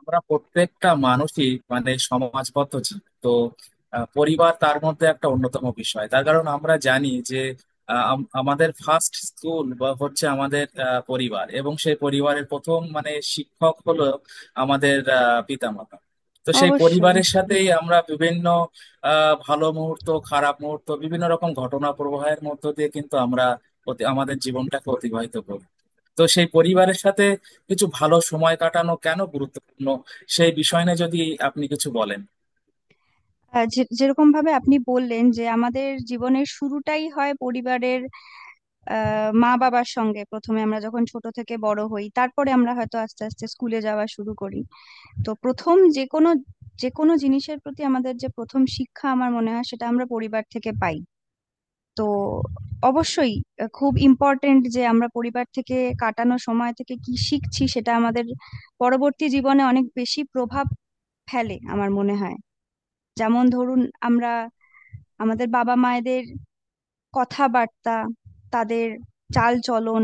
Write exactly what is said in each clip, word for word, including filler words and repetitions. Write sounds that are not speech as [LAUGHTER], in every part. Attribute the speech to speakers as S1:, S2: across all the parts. S1: আমরা প্রত্যেকটা মানুষই মানে সমাজবদ্ধ জীব তো। আহ, পরিবার তার মধ্যে একটা অন্যতম বিষয়, তার কারণ আমরা জানি যে আহ, আম- আমাদের ফার্স্ট স্কুল বা হচ্ছে আমাদের আহ, পরিবার, এবং সেই পরিবারের প্রথম মানে শিক্ষক হলো আমাদের আহ, পিতামাতা। তো সেই
S2: অবশ্যই।
S1: পরিবারের সাথেই আমরা বিভিন্ন আহ ভালো মুহূর্ত, খারাপ মুহূর্ত, বিভিন্ন রকম ঘটনা প্রবাহের মধ্য দিয়ে কিন্তু আমরা অতি- আমাদের জীবনটাকে অতিবাহিত করি। তো সেই পরিবারের সাথে কিছু ভালো সময় কাটানো কেন গুরুত্বপূর্ণ, সেই বিষয় নিয়ে যদি আপনি কিছু বলেন।
S2: আহ, যে- যেরকম ভাবে আপনি বললেন যে আমাদের জীবনের শুরুটাই হয় পরিবারের আহ, মা বাবার সঙ্গে। প্রথমে আমরা যখন ছোট থেকে বড় হই, তারপরে আমরা হয়তো আস্তে আস্তে স্কুলে যাওয়া শুরু করি। তো প্রথম যে কোনো যে কোনো জিনিসের প্রতি আমাদের যে প্রথম শিক্ষা, আমার মনে হয় সেটা আমরা পরিবার থেকে পাই। তো অবশ্যই আহ, খুব ইম্পর্টেন্ট যে আমরা পরিবার থেকে কাটানো সময় থেকে কি শিখছি সেটা আমাদের পরবর্তী জীবনে অনেক বেশি প্রভাব ফেলে আমার মনে হয়। যেমন ধরুন, আমরা আমাদের বাবা মায়েদের কথাবার্তা, তাদের চালচলন,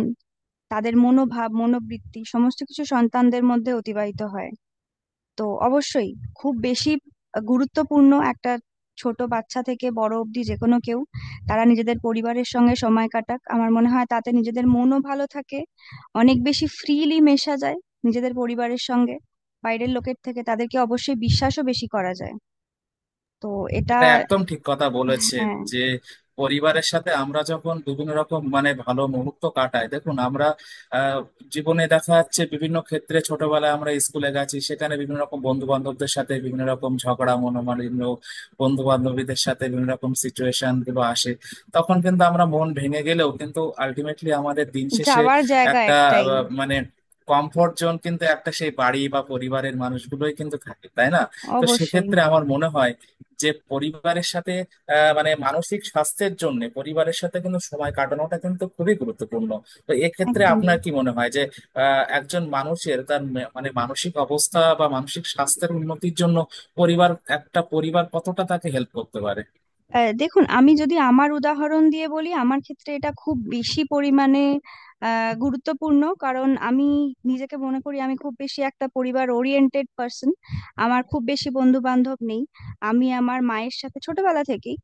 S2: তাদের মনোভাব মনোবৃত্তি সমস্ত কিছু সন্তানদের মধ্যে অতিবাহিত হয়। তো অবশ্যই খুব বেশি গুরুত্বপূর্ণ একটা। ছোট বাচ্চা থেকে বড় অবধি যে কোনো কেউ, তারা নিজেদের পরিবারের সঙ্গে সময় কাটাক, আমার মনে হয় তাতে নিজেদের মনও ভালো থাকে, অনেক বেশি ফ্রিলি মেশা যায় নিজেদের পরিবারের সঙ্গে। বাইরের লোকের থেকে তাদেরকে অবশ্যই বিশ্বাসও বেশি করা যায়। তো এটা।
S1: এটা একদম ঠিক কথা বলেছেন
S2: হ্যাঁ,
S1: যে পরিবারের সাথে আমরা যখন বিভিন্ন রকম মানে ভালো মুহূর্ত কাটাই, দেখুন আমরা আহ, জীবনে দেখা যাচ্ছে বিভিন্ন ক্ষেত্রে, ছোটবেলায় আমরা স্কুলে গেছি, সেখানে বিভিন্ন রকম বন্ধু বান্ধবদের সাথে বিভিন্ন রকম ঝগড়া মনোমালিন্য, বন্ধু বান্ধবীদের সাথে বিভিন্ন রকম সিচুয়েশন গুলো আসে। তখন কিন্তু আমরা মন ভেঙে গেলেও কিন্তু আলটিমেটলি আমাদের দিন শেষে
S2: যাওয়ার জায়গা
S1: একটা
S2: একটাই।
S1: আহ, মানে কমফোর্ট জোন কিন্তু, একটা সেই বাড়ি বা পরিবারের মানুষগুলোই কিন্তু থাকে, তাই না? তো
S2: অবশ্যই।
S1: সেক্ষেত্রে আমার মনে হয় যে পরিবারের সাথে আহ, মানে মানসিক স্বাস্থ্যের জন্য পরিবারের সাথে কিন্তু সময় কাটানোটা কিন্তু খুবই গুরুত্বপূর্ণ। তো এক্ষেত্রে
S2: একদমই।
S1: আপনার কি মনে হয় যে আহ, একজন মানুষের তার মে- মানে মানসিক অবস্থা বা মানসিক স্বাস্থ্যের উন্নতির জন্য পরিবার, একটা পরিবার কতটা তাকে হেল্প করতে পারে?
S2: আহ, দেখুন, আমি যদি আমার উদাহরণ দিয়ে বলি, আমার ক্ষেত্রে এটা খুব বেশি পরিমাণে আহ, গুরুত্বপূর্ণ, কারণ আমি নিজেকে মনে করি আমি খুব বেশি একটা পরিবার ওরিয়েন্টেড পার্সন। আমার খুব বেশি বন্ধু বান্ধব নেই। আমি আমার মায়ের সাথে ছোটবেলা থেকেই,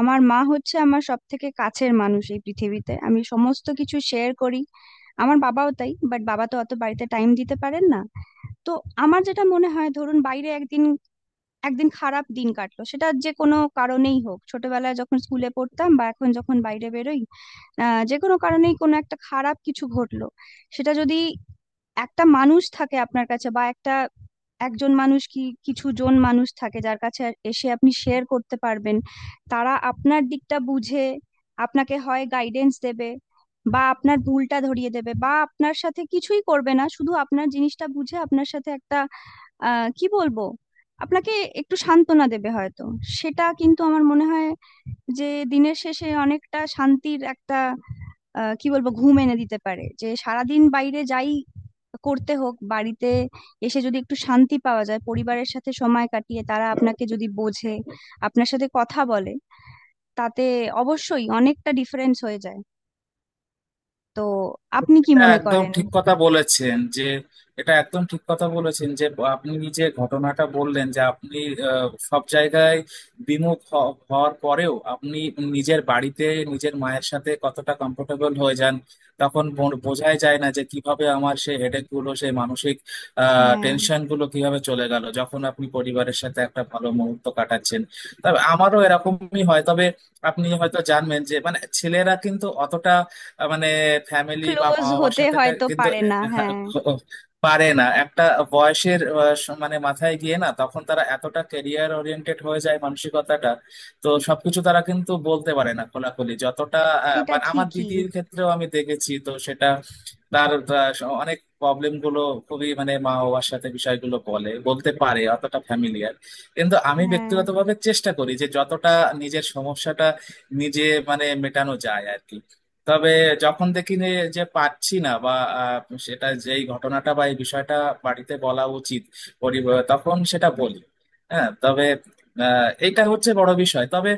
S2: আমার মা হচ্ছে আমার সব থেকে কাছের মানুষ এই পৃথিবীতে, আমি সমস্ত কিছু শেয়ার করি। আমার বাবাও তাই, বাট বাবা তো অত বাড়িতে টাইম দিতে পারেন না। তো আমার যেটা মনে হয়, ধরুন বাইরে একদিন একদিন খারাপ দিন কাটলো, সেটা যে কোনো কারণেই হোক, ছোটবেলায় যখন স্কুলে পড়তাম বা এখন যখন বাইরে বেরোই, আহ যে কোনো কারণেই কোনো একটা খারাপ কিছু ঘটলো, সেটা যদি একটা মানুষ থাকে আপনার কাছে, বা একটা একজন মানুষ কি কিছু জন মানুষ থাকে যার কাছে এসে আপনি শেয়ার করতে পারবেন, তারা আপনার দিকটা বুঝে আপনাকে হয় গাইডেন্স দেবে, বা আপনার ভুলটা ধরিয়ে দেবে, বা আপনার সাথে কিছুই করবে না, শুধু আপনার জিনিসটা বুঝে আপনার সাথে একটা, আহ কি বলবো আপনাকে একটু সান্ত্বনা দেবে হয়তো। সেটা কিন্তু আমার মনে হয় যে দিনের শেষে অনেকটা শান্তির একটা, আহ, কি বলবো ঘুম এনে দিতে পারে। যে সারাদিন বাইরে যাই করতে হোক, বাড়িতে এসে যদি একটু শান্তি পাওয়া যায় পরিবারের সাথে সময় কাটিয়ে, তারা আপনাকে যদি বোঝে, আপনার সাথে কথা বলে, তাতে অবশ্যই অনেকটা ডিফারেন্স হয়ে যায়। তো আপনি কি
S1: এটা
S2: মনে
S1: একদম
S2: করেন?
S1: ঠিক কথা বলেছেন যে এটা একদম ঠিক কথা বলেছেন যে আপনি, যে ঘটনাটা বললেন যে আপনি আহ, সব জায়গায় বিমুখ হ- হওয়ার পরেও আপনি নিজের বাড়িতে নিজের মায়ের সাথে কতটা কমফোর্টেবল হয়ে যান, তখন বো- বোঝাই যায় না যে কিভাবে আমার সেই হেডেক গুলো, সেই মানসিক আহ
S2: হ্যাঁ।
S1: টেনশন গুলো কিভাবে চলে গেল যখন আপনি পরিবারের সাথে একটা ভালো মুহূর্ত কাটাচ্ছেন। তবে আমারও এরকমই হয়, তবে আপনি হয়তো জানবেন যে মানে ছেলেরা কিন্তু অতটা আহ, মানে ফ্যামিলি বা মা
S2: ক্লোজ
S1: বাবার
S2: হতে
S1: সাথে টা
S2: হয়তো
S1: কিন্তু
S2: পারে না, হ্যাঁ।
S1: [LAUGHS] পারে না। একটা বয়সের আহ, স- মানে মাথায় গিয়ে না তখন তারা এতটা ক্যারিয়ার ওরিয়েন্টেড হয়ে যায় মানসিকতাটা। তো সবকিছু তারা কিন্তু বলতে পারে না খোলাখুলি যতটা, আহ,
S2: এটা
S1: বা আমার
S2: ঠিকই।
S1: দিদির ক্ষেত্রেও আমি দেখেছি তো সেটা, তার আহ, স- অনেক প্রবলেম গুলো খুবই মানে মা বাবার সাথে বিষয়গুলো বলে বলতে পারে অতটা ফ্যামিলিয়ার। কিন্তু আমি
S2: হ্যাঁ।
S1: ব্যক্তিগতভাবে চেষ্টা করি যে যতটা নিজের সমস্যাটা নিজে মানে মেটানো যায় আর কি। তবে যখন দেখি যে যে পারছি না বা আহ, সেটা যেই ঘটনাটা বা এই বিষয়টা বাড়িতে বলা উচিত, পরিবার, তখন সেটা বলি। হ্যাঁ, তবে আহ, এইটা হচ্ছে বড় বিষয়, তবে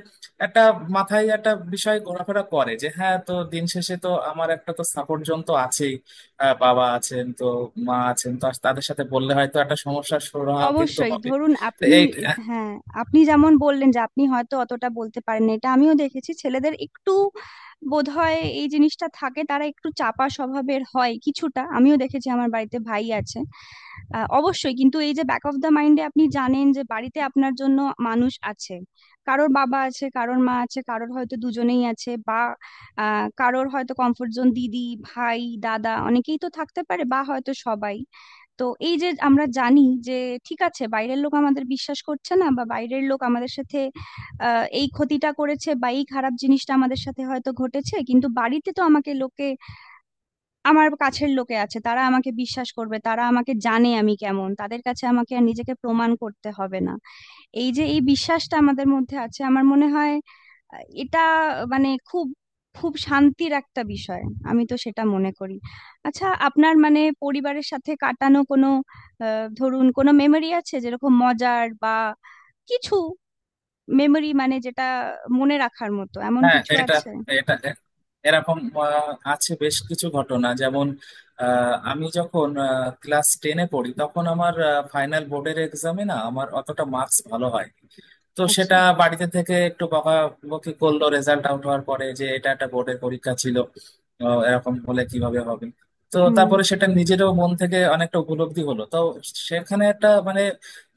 S1: একটা মাথায় একটা বিষয় ঘোরাফেরা করে যে হ্যাঁ, তো দিন শেষে তো আমার একটা তো সাপোর্ট জন তো আছেই। আহ, বাবা আছেন তো, মা আছেন তো, তাদের সাথে বললে হয়তো একটা সমস্যার সুরাহা কিন্তু
S2: অবশ্যই,
S1: হবে।
S2: ধরুন
S1: তো
S2: আপনি।
S1: এই
S2: হ্যাঁ, আপনি যেমন বললেন যে আপনি হয়তো অতটা বলতে পারেন না, এটা আমিও দেখেছি, ছেলেদের একটু বোধহয় এই জিনিসটা থাকে, তারা একটু চাপা স্বভাবের হয় কিছুটা, আমিও দেখেছি আমার বাড়িতে ভাই আছে। আহ, অবশ্যই, কিন্তু এই যে ব্যাক অফ দ্য মাইন্ডে আপনি জানেন যে বাড়িতে আপনার জন্য মানুষ আছে, কারোর বাবা আছে, কারোর মা আছে, কারোর হয়তো দুজনেই আছে, বা আহ, কারোর হয়তো কমফোর্ট জোন দিদি, ভাই, দাদা, অনেকেই তো থাকতে পারে, বা হয়তো সবাই। তো এই যে আমরা জানি যে ঠিক আছে বাইরের লোক আমাদের বিশ্বাস করছে না, বা বাইরের লোক আমাদের সাথে আহ, এই ক্ষতিটা করেছে, বা এই খারাপ জিনিসটা আমাদের সাথে হয়তো ঘটেছে, কিন্তু বাড়িতে তো আমাকে লোকে, আমার কাছের লোকে আছে, তারা আমাকে বিশ্বাস করবে, তারা আমাকে জানে আমি কেমন, তাদের কাছে আমাকে আর নিজেকে প্রমাণ করতে হবে না। এই যে এই বিশ্বাসটা আমাদের মধ্যে আছে আমার মনে হয় আহ, এটা মানে খুব খুব শান্তির একটা বিষয়। আমি তো সেটা মনে করি। আচ্ছা, আপনার মানে পরিবারের সাথে কাটানো কোনো আহ, ধরুন কোনো মেমোরি আছে যেরকম মজার বা কিছু মেমোরি, মানে যেটা মনে রাখার মতো, এমন
S1: হ্যাঁ,
S2: কিছু
S1: এটা
S2: আছে?
S1: এটা এরকম আহ, আছে বেশ কিছু ঘটনা। যেমন আহ, আমি যখন ক্লাস টেনে পড়ি তখন আমার ফাইনাল বোর্ডের এক্সামে না আমার অতটা মার্কস ভালো হয়। তো সেটা
S2: আচ্ছা।
S1: বাড়িতে থেকে একটু বকাবকি করলো রেজাল্ট আউট হওয়ার পরে যে এটা একটা বোর্ডের পরীক্ষা ছিল, আহ, এরকম হলে কিভাবে হবে। তো
S2: হুম।
S1: তারপরে সেটা নিজেরও মন থেকে অনেকটা উপলব্ধি হলো তো। সেখানে একটা মানে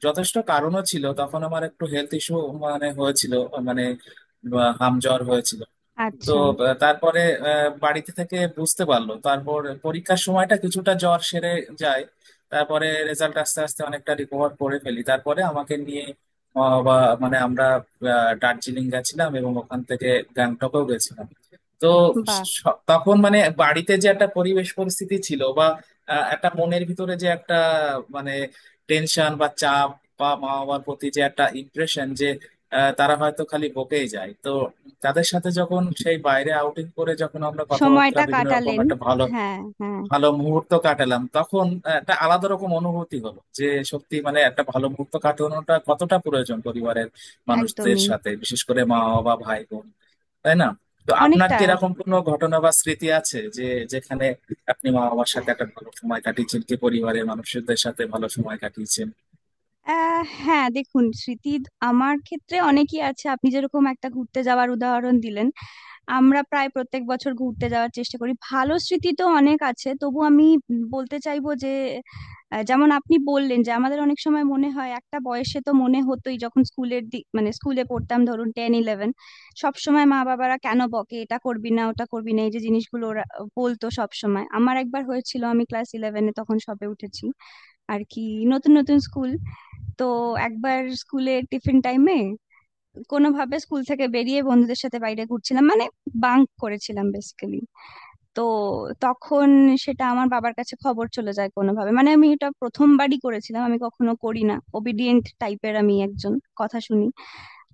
S1: যথেষ্ট কারণও ছিল, তখন আমার একটু হেলথ ইস্যু মানে হয়েছিল, মানে হাম জ্বর হয়েছিল। তো
S2: আচ্ছা।
S1: আহ, তারপরে আহ, বাড়িতে থেকে বুঝতে পারলো। তারপর পরীক্ষার সময়টা কিছুটা জ্বর সেরে যায়। তারপরে রেজাল্ট আস্তে আস্তে অনেকটা রিকভার করে ফেলি, তারপরে আমাকে নিয়ে আহ, বা মানে আমরা আহ, দার্জিলিং গেছিলাম এবং ওখান থেকে গ্যাংটকেও গেছিলাম। তো
S2: বাহ।
S1: স- তখন মানে বাড়িতে যে একটা পরিবেশ পরিস্থিতি ছিল, বা আহ, একটা মনের ভিতরে যে একটা মানে টেনশন বা চাপ, বা মা বাবার প্রতি যে একটা ইমপ্রেশন যে আহ, তারা হয়তো খালি বকেই যায়, তো তাদের সাথে যখন সেই বাইরে আউটিং করে যখন আমরা কথাবার্তা
S2: সময়টা
S1: বিভিন্ন রকম
S2: কাটালেন।
S1: একটা ভালো
S2: হ্যাঁ, হ্যাঁ।
S1: ভালো মুহূর্ত কাটালাম, তখন একটা আলাদা রকম অনুভূতি হলো যে সত্যি মানে একটা ভালো মুহূর্ত কাটানোটা কতটা প্রয়োজন পরিবারের মানুষদের
S2: একদমই।
S1: সাথে, বিশেষ করে মা বাবা ভাই বোন, তাই না? তো আপনার
S2: অনেকটা।
S1: কি এরকম কোনো ঘটনা বা স্মৃতি আছে যে যেখানে আপনি মা বাবার সাথে একটা ভালো সময় কাটিয়েছেন কি পরিবারের মানুষদের সাথে ভালো সময় কাটিয়েছেন?
S2: আহ, হ্যাঁ দেখুন, স্মৃতি আমার ক্ষেত্রে অনেকই আছে। আপনি যেরকম একটা ঘুরতে যাওয়ার উদাহরণ দিলেন, আমরা প্রায় প্রত্যেক বছর ঘুরতে যাওয়ার চেষ্টা করি, ভালো স্মৃতি তো অনেক আছে, তবু আমি বলতে চাইবো যে আহ, যেমন আপনি বললেন যে আমাদের অনেক সময় মনে হয় একটা বয়সে, তো মনে হতোই যখন স্কুলের দিক, মানে স্কুলে পড়তাম, ধরুন টেন ইলেভেন, সব সময় মা বাবারা কেন বকে, এটা করবি না ওটা করবি না, এই যে জিনিসগুলো ওরা বলতো সব সময়। আমার একবার হয়েছিল, আমি ক্লাস ইলেভেনে তখন সবে উঠেছি আর কি, নতুন নতুন স্কুল। তো একবার স্কুলে টিফিন টাইমে কোনোভাবে স্কুল থেকে বেরিয়ে বন্ধুদের সাথে বাইরে ঘুরছিলাম, মানে বাঙ্ক করেছিলাম বেসিক্যালি। তো তখন সেটা আমার বাবার কাছে খবর চলে যায় কোনোভাবে, মানে আমি এটা প্রথমবারই করেছিলাম, আমি কখনো করি না, ওবিডিয়েন্ট টাইপের আমি একজন, কথা শুনি।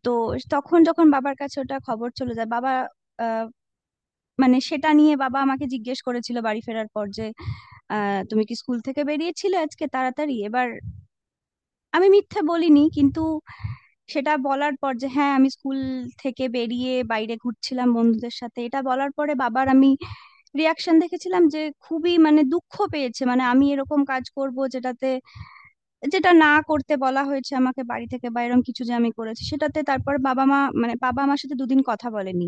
S2: তো তখন যখন বাবার কাছে ওটা খবর চলে যায়, বাবা, আহ, মানে সেটা নিয়ে বাবা আমাকে জিজ্ঞেস করেছিল বাড়ি ফেরার পর যে আহ, তুমি কি স্কুল থেকে বেরিয়েছিলে আজকে তাড়াতাড়ি এবার। আমি মিথ্যা বলিনি কিন্তু, সেটা বলার পর যে হ্যাঁ আমি স্কুল থেকে বেরিয়ে বাইরে ঘুরছিলাম বন্ধুদের সাথে, এটা বলার পরে বাবার আমি রিয়াকশন দেখেছিলাম যে খুবই মানে দুঃখ পেয়েছে, মানে আমি এরকম কাজ করব যেটাতে, যেটা না করতে বলা হয়েছে আমাকে বাড়ি থেকে বা এরকম কিছু যে আমি করেছি সেটাতে। তারপর বাবা মা, মানে বাবা আমার সাথে দুদিন কথা বলেনি।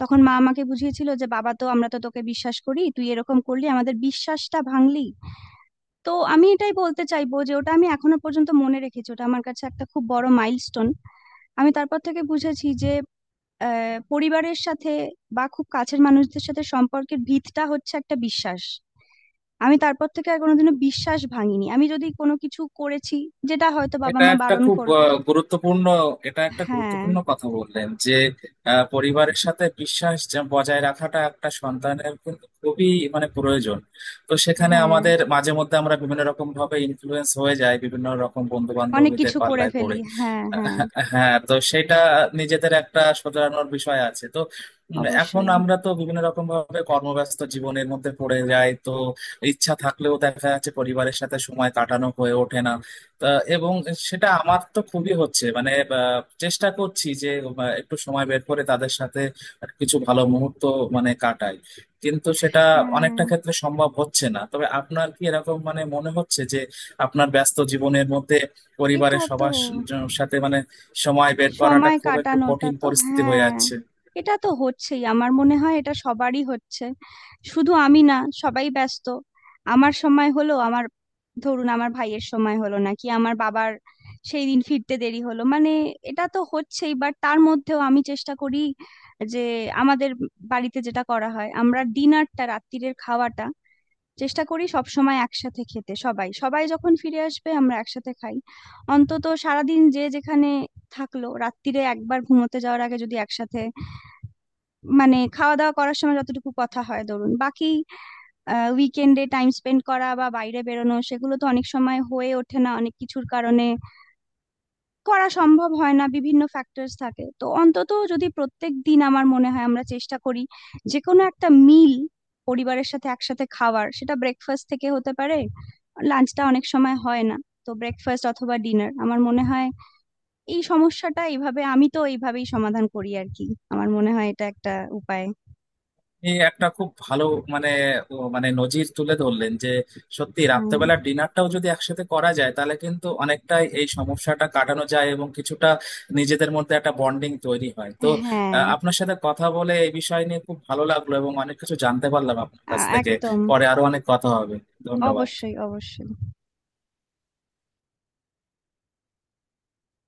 S2: তখন মা আমাকে বুঝিয়েছিল যে বাবা তো, আমরা তো তোকে বিশ্বাস করি, তুই এরকম করলি আমাদের বিশ্বাসটা ভাঙলি। তো আমি এটাই বলতে চাইবো যে ওটা আমি এখনো পর্যন্ত মনে রেখেছি, ওটা আমার কাছে একটা খুব বড় মাইলস্টোন। আমি তারপর থেকে বুঝেছি যে আহ, পরিবারের সাথে বা খুব কাছের মানুষদের সাথে সম্পর্কের ভিতটা হচ্ছে একটা বিশ্বাস। আমি তারপর থেকে আর কোনোদিনও বিশ্বাস ভাঙিনি, আমি যদি কোনো কিছু করেছি যেটা হয়তো বাবা
S1: এটা
S2: মা
S1: একটা
S2: বারণ
S1: খুব
S2: করবে।
S1: আহ, গুরুত্বপূর্ণ এটা একটা
S2: হ্যাঁ।
S1: গুরুত্বপূর্ণ কথা বললেন যে আহ, পরিবারের সাথে বিশ্বাস যে বজায় রাখাটা একটা সন্তানের কিন্তু খুবই মানে প্রয়োজন। তো সেখানে
S2: হ্যাঁ,
S1: আমাদের মাঝে মধ্যে আমরা বিভিন্ন রকম ভাবে ইনফ্লুয়েন্স হয়ে যায় বিভিন্ন রকম বন্ধু
S2: অনেক
S1: বান্ধবীদের
S2: কিছু করে
S1: পাল্লায় পড়ে।
S2: ফেলি, হ্যাঁ, হ্যাঁ।
S1: আহ, হ্যাঁ, তো সেটা নিজেদের একটা শোধরানোর বিষয় আছে তো। উম, এখন
S2: অবশ্যই।
S1: আমরা তো বিভিন্ন রকম ভাবে কর্মব্যস্ত জীবনের মধ্যে পড়ে যাই, তো ইচ্ছা থাকলেও দেখা যাচ্ছে পরিবারের সাথে সময় কাটানো হয়ে ওঠে না। তা, এবং সেটা আমার তো খুবই হচ্ছে মানে, আহ, চেষ্টা করছি যে আহ, একটু সময় বের করে তাদের সাথে কিছু ভালো মুহূর্ত মানে কাটাই, কিন্তু সেটা অনেকটা
S2: হ্যাঁ।
S1: ক্ষেত্রে সম্ভব হচ্ছে না। তবে আপনার কি এরকম মানে মনে হচ্ছে যে আপনার ব্যস্ত জীবনের মধ্যে
S2: এটা
S1: পরিবারের
S2: তো,
S1: সবার স- সাথে মানে সময় বের করাটা
S2: সময়
S1: খুব একটু
S2: কাটানোটা
S1: কঠিন
S2: তো,
S1: পরিস্থিতি হয়ে
S2: হ্যাঁ,
S1: যাচ্ছে?
S2: এটা তো হচ্ছেই, আমার মনে হয় এটা সবারই হচ্ছে, শুধু আমি না, সবাই ব্যস্ত। আমার সময় হলো, আমার ধরুন আমার ভাইয়ের সময় হলো না, কি আমার বাবার সেই দিন ফিরতে দেরি হলো, মানে এটা তো হচ্ছেই। বাট তার মধ্যেও আমি চেষ্টা করি যে, আমাদের বাড়িতে যেটা করা হয়, আমরা ডিনারটা, রাত্তিরের খাওয়াটা চেষ্টা করি সব সময় একসাথে খেতে, সবাই সবাই যখন ফিরে আসবে আমরা একসাথে খাই। অন্তত সারাদিন যে যেখানে থাকলো, রাত্তিরে একবার ঘুমোতে যাওয়ার আগে যদি একসাথে মানে খাওয়া দাওয়া করার সময় যতটুকু কথা হয়। ধরুন বাকি উইকেন্ডে টাইম স্পেন্ড করা বা বাইরে বেরোনো, সেগুলো তো অনেক সময় হয়ে ওঠে না অনেক কিছুর কারণে, করা সম্ভব হয় না, বিভিন্ন ফ্যাক্টরস থাকে। তো অন্তত যদি প্রত্যেক দিন, আমার মনে হয় আমরা চেষ্টা করি যে কোনো একটা মিল পরিবারের সাথে একসাথে খাওয়ার, সেটা ব্রেকফাস্ট থেকে হতে পারে, লাঞ্চটা অনেক সময় হয় না, তো ব্রেকফাস্ট অথবা ডিনার আমার মনে হয়। এই সমস্যাটা এইভাবে, আমি তো এইভাবেই সমাধান করি আর কি। আমার মনে হয় এটা একটা উপায়।
S1: আপনি একটা খুব ভালো মানে, ও মানে নজির তুলে ধরলেন যে সত্যি
S2: হ্যাঁ।
S1: রাত্রেবেলার ডিনারটাও যদি একসাথে করা যায় তাহলে কিন্তু অনেকটাই এই সমস্যাটা কাটানো যায়, এবং কিছুটা নিজেদের মধ্যে একটা বন্ডিং তৈরি হয় তো।
S2: হ্যাঁ।
S1: আহ, আপনার সাথে কথা বলে এই বিষয় নিয়ে খুব ভালো লাগলো এবং অনেক কিছু জানতে পারলাম আপনার কাছ
S2: আ-
S1: থেকে।
S2: একদম।
S1: পরে আরো অনেক কথা হবে। ধন্যবাদ।
S2: অবশ্যই, অবশ্যই।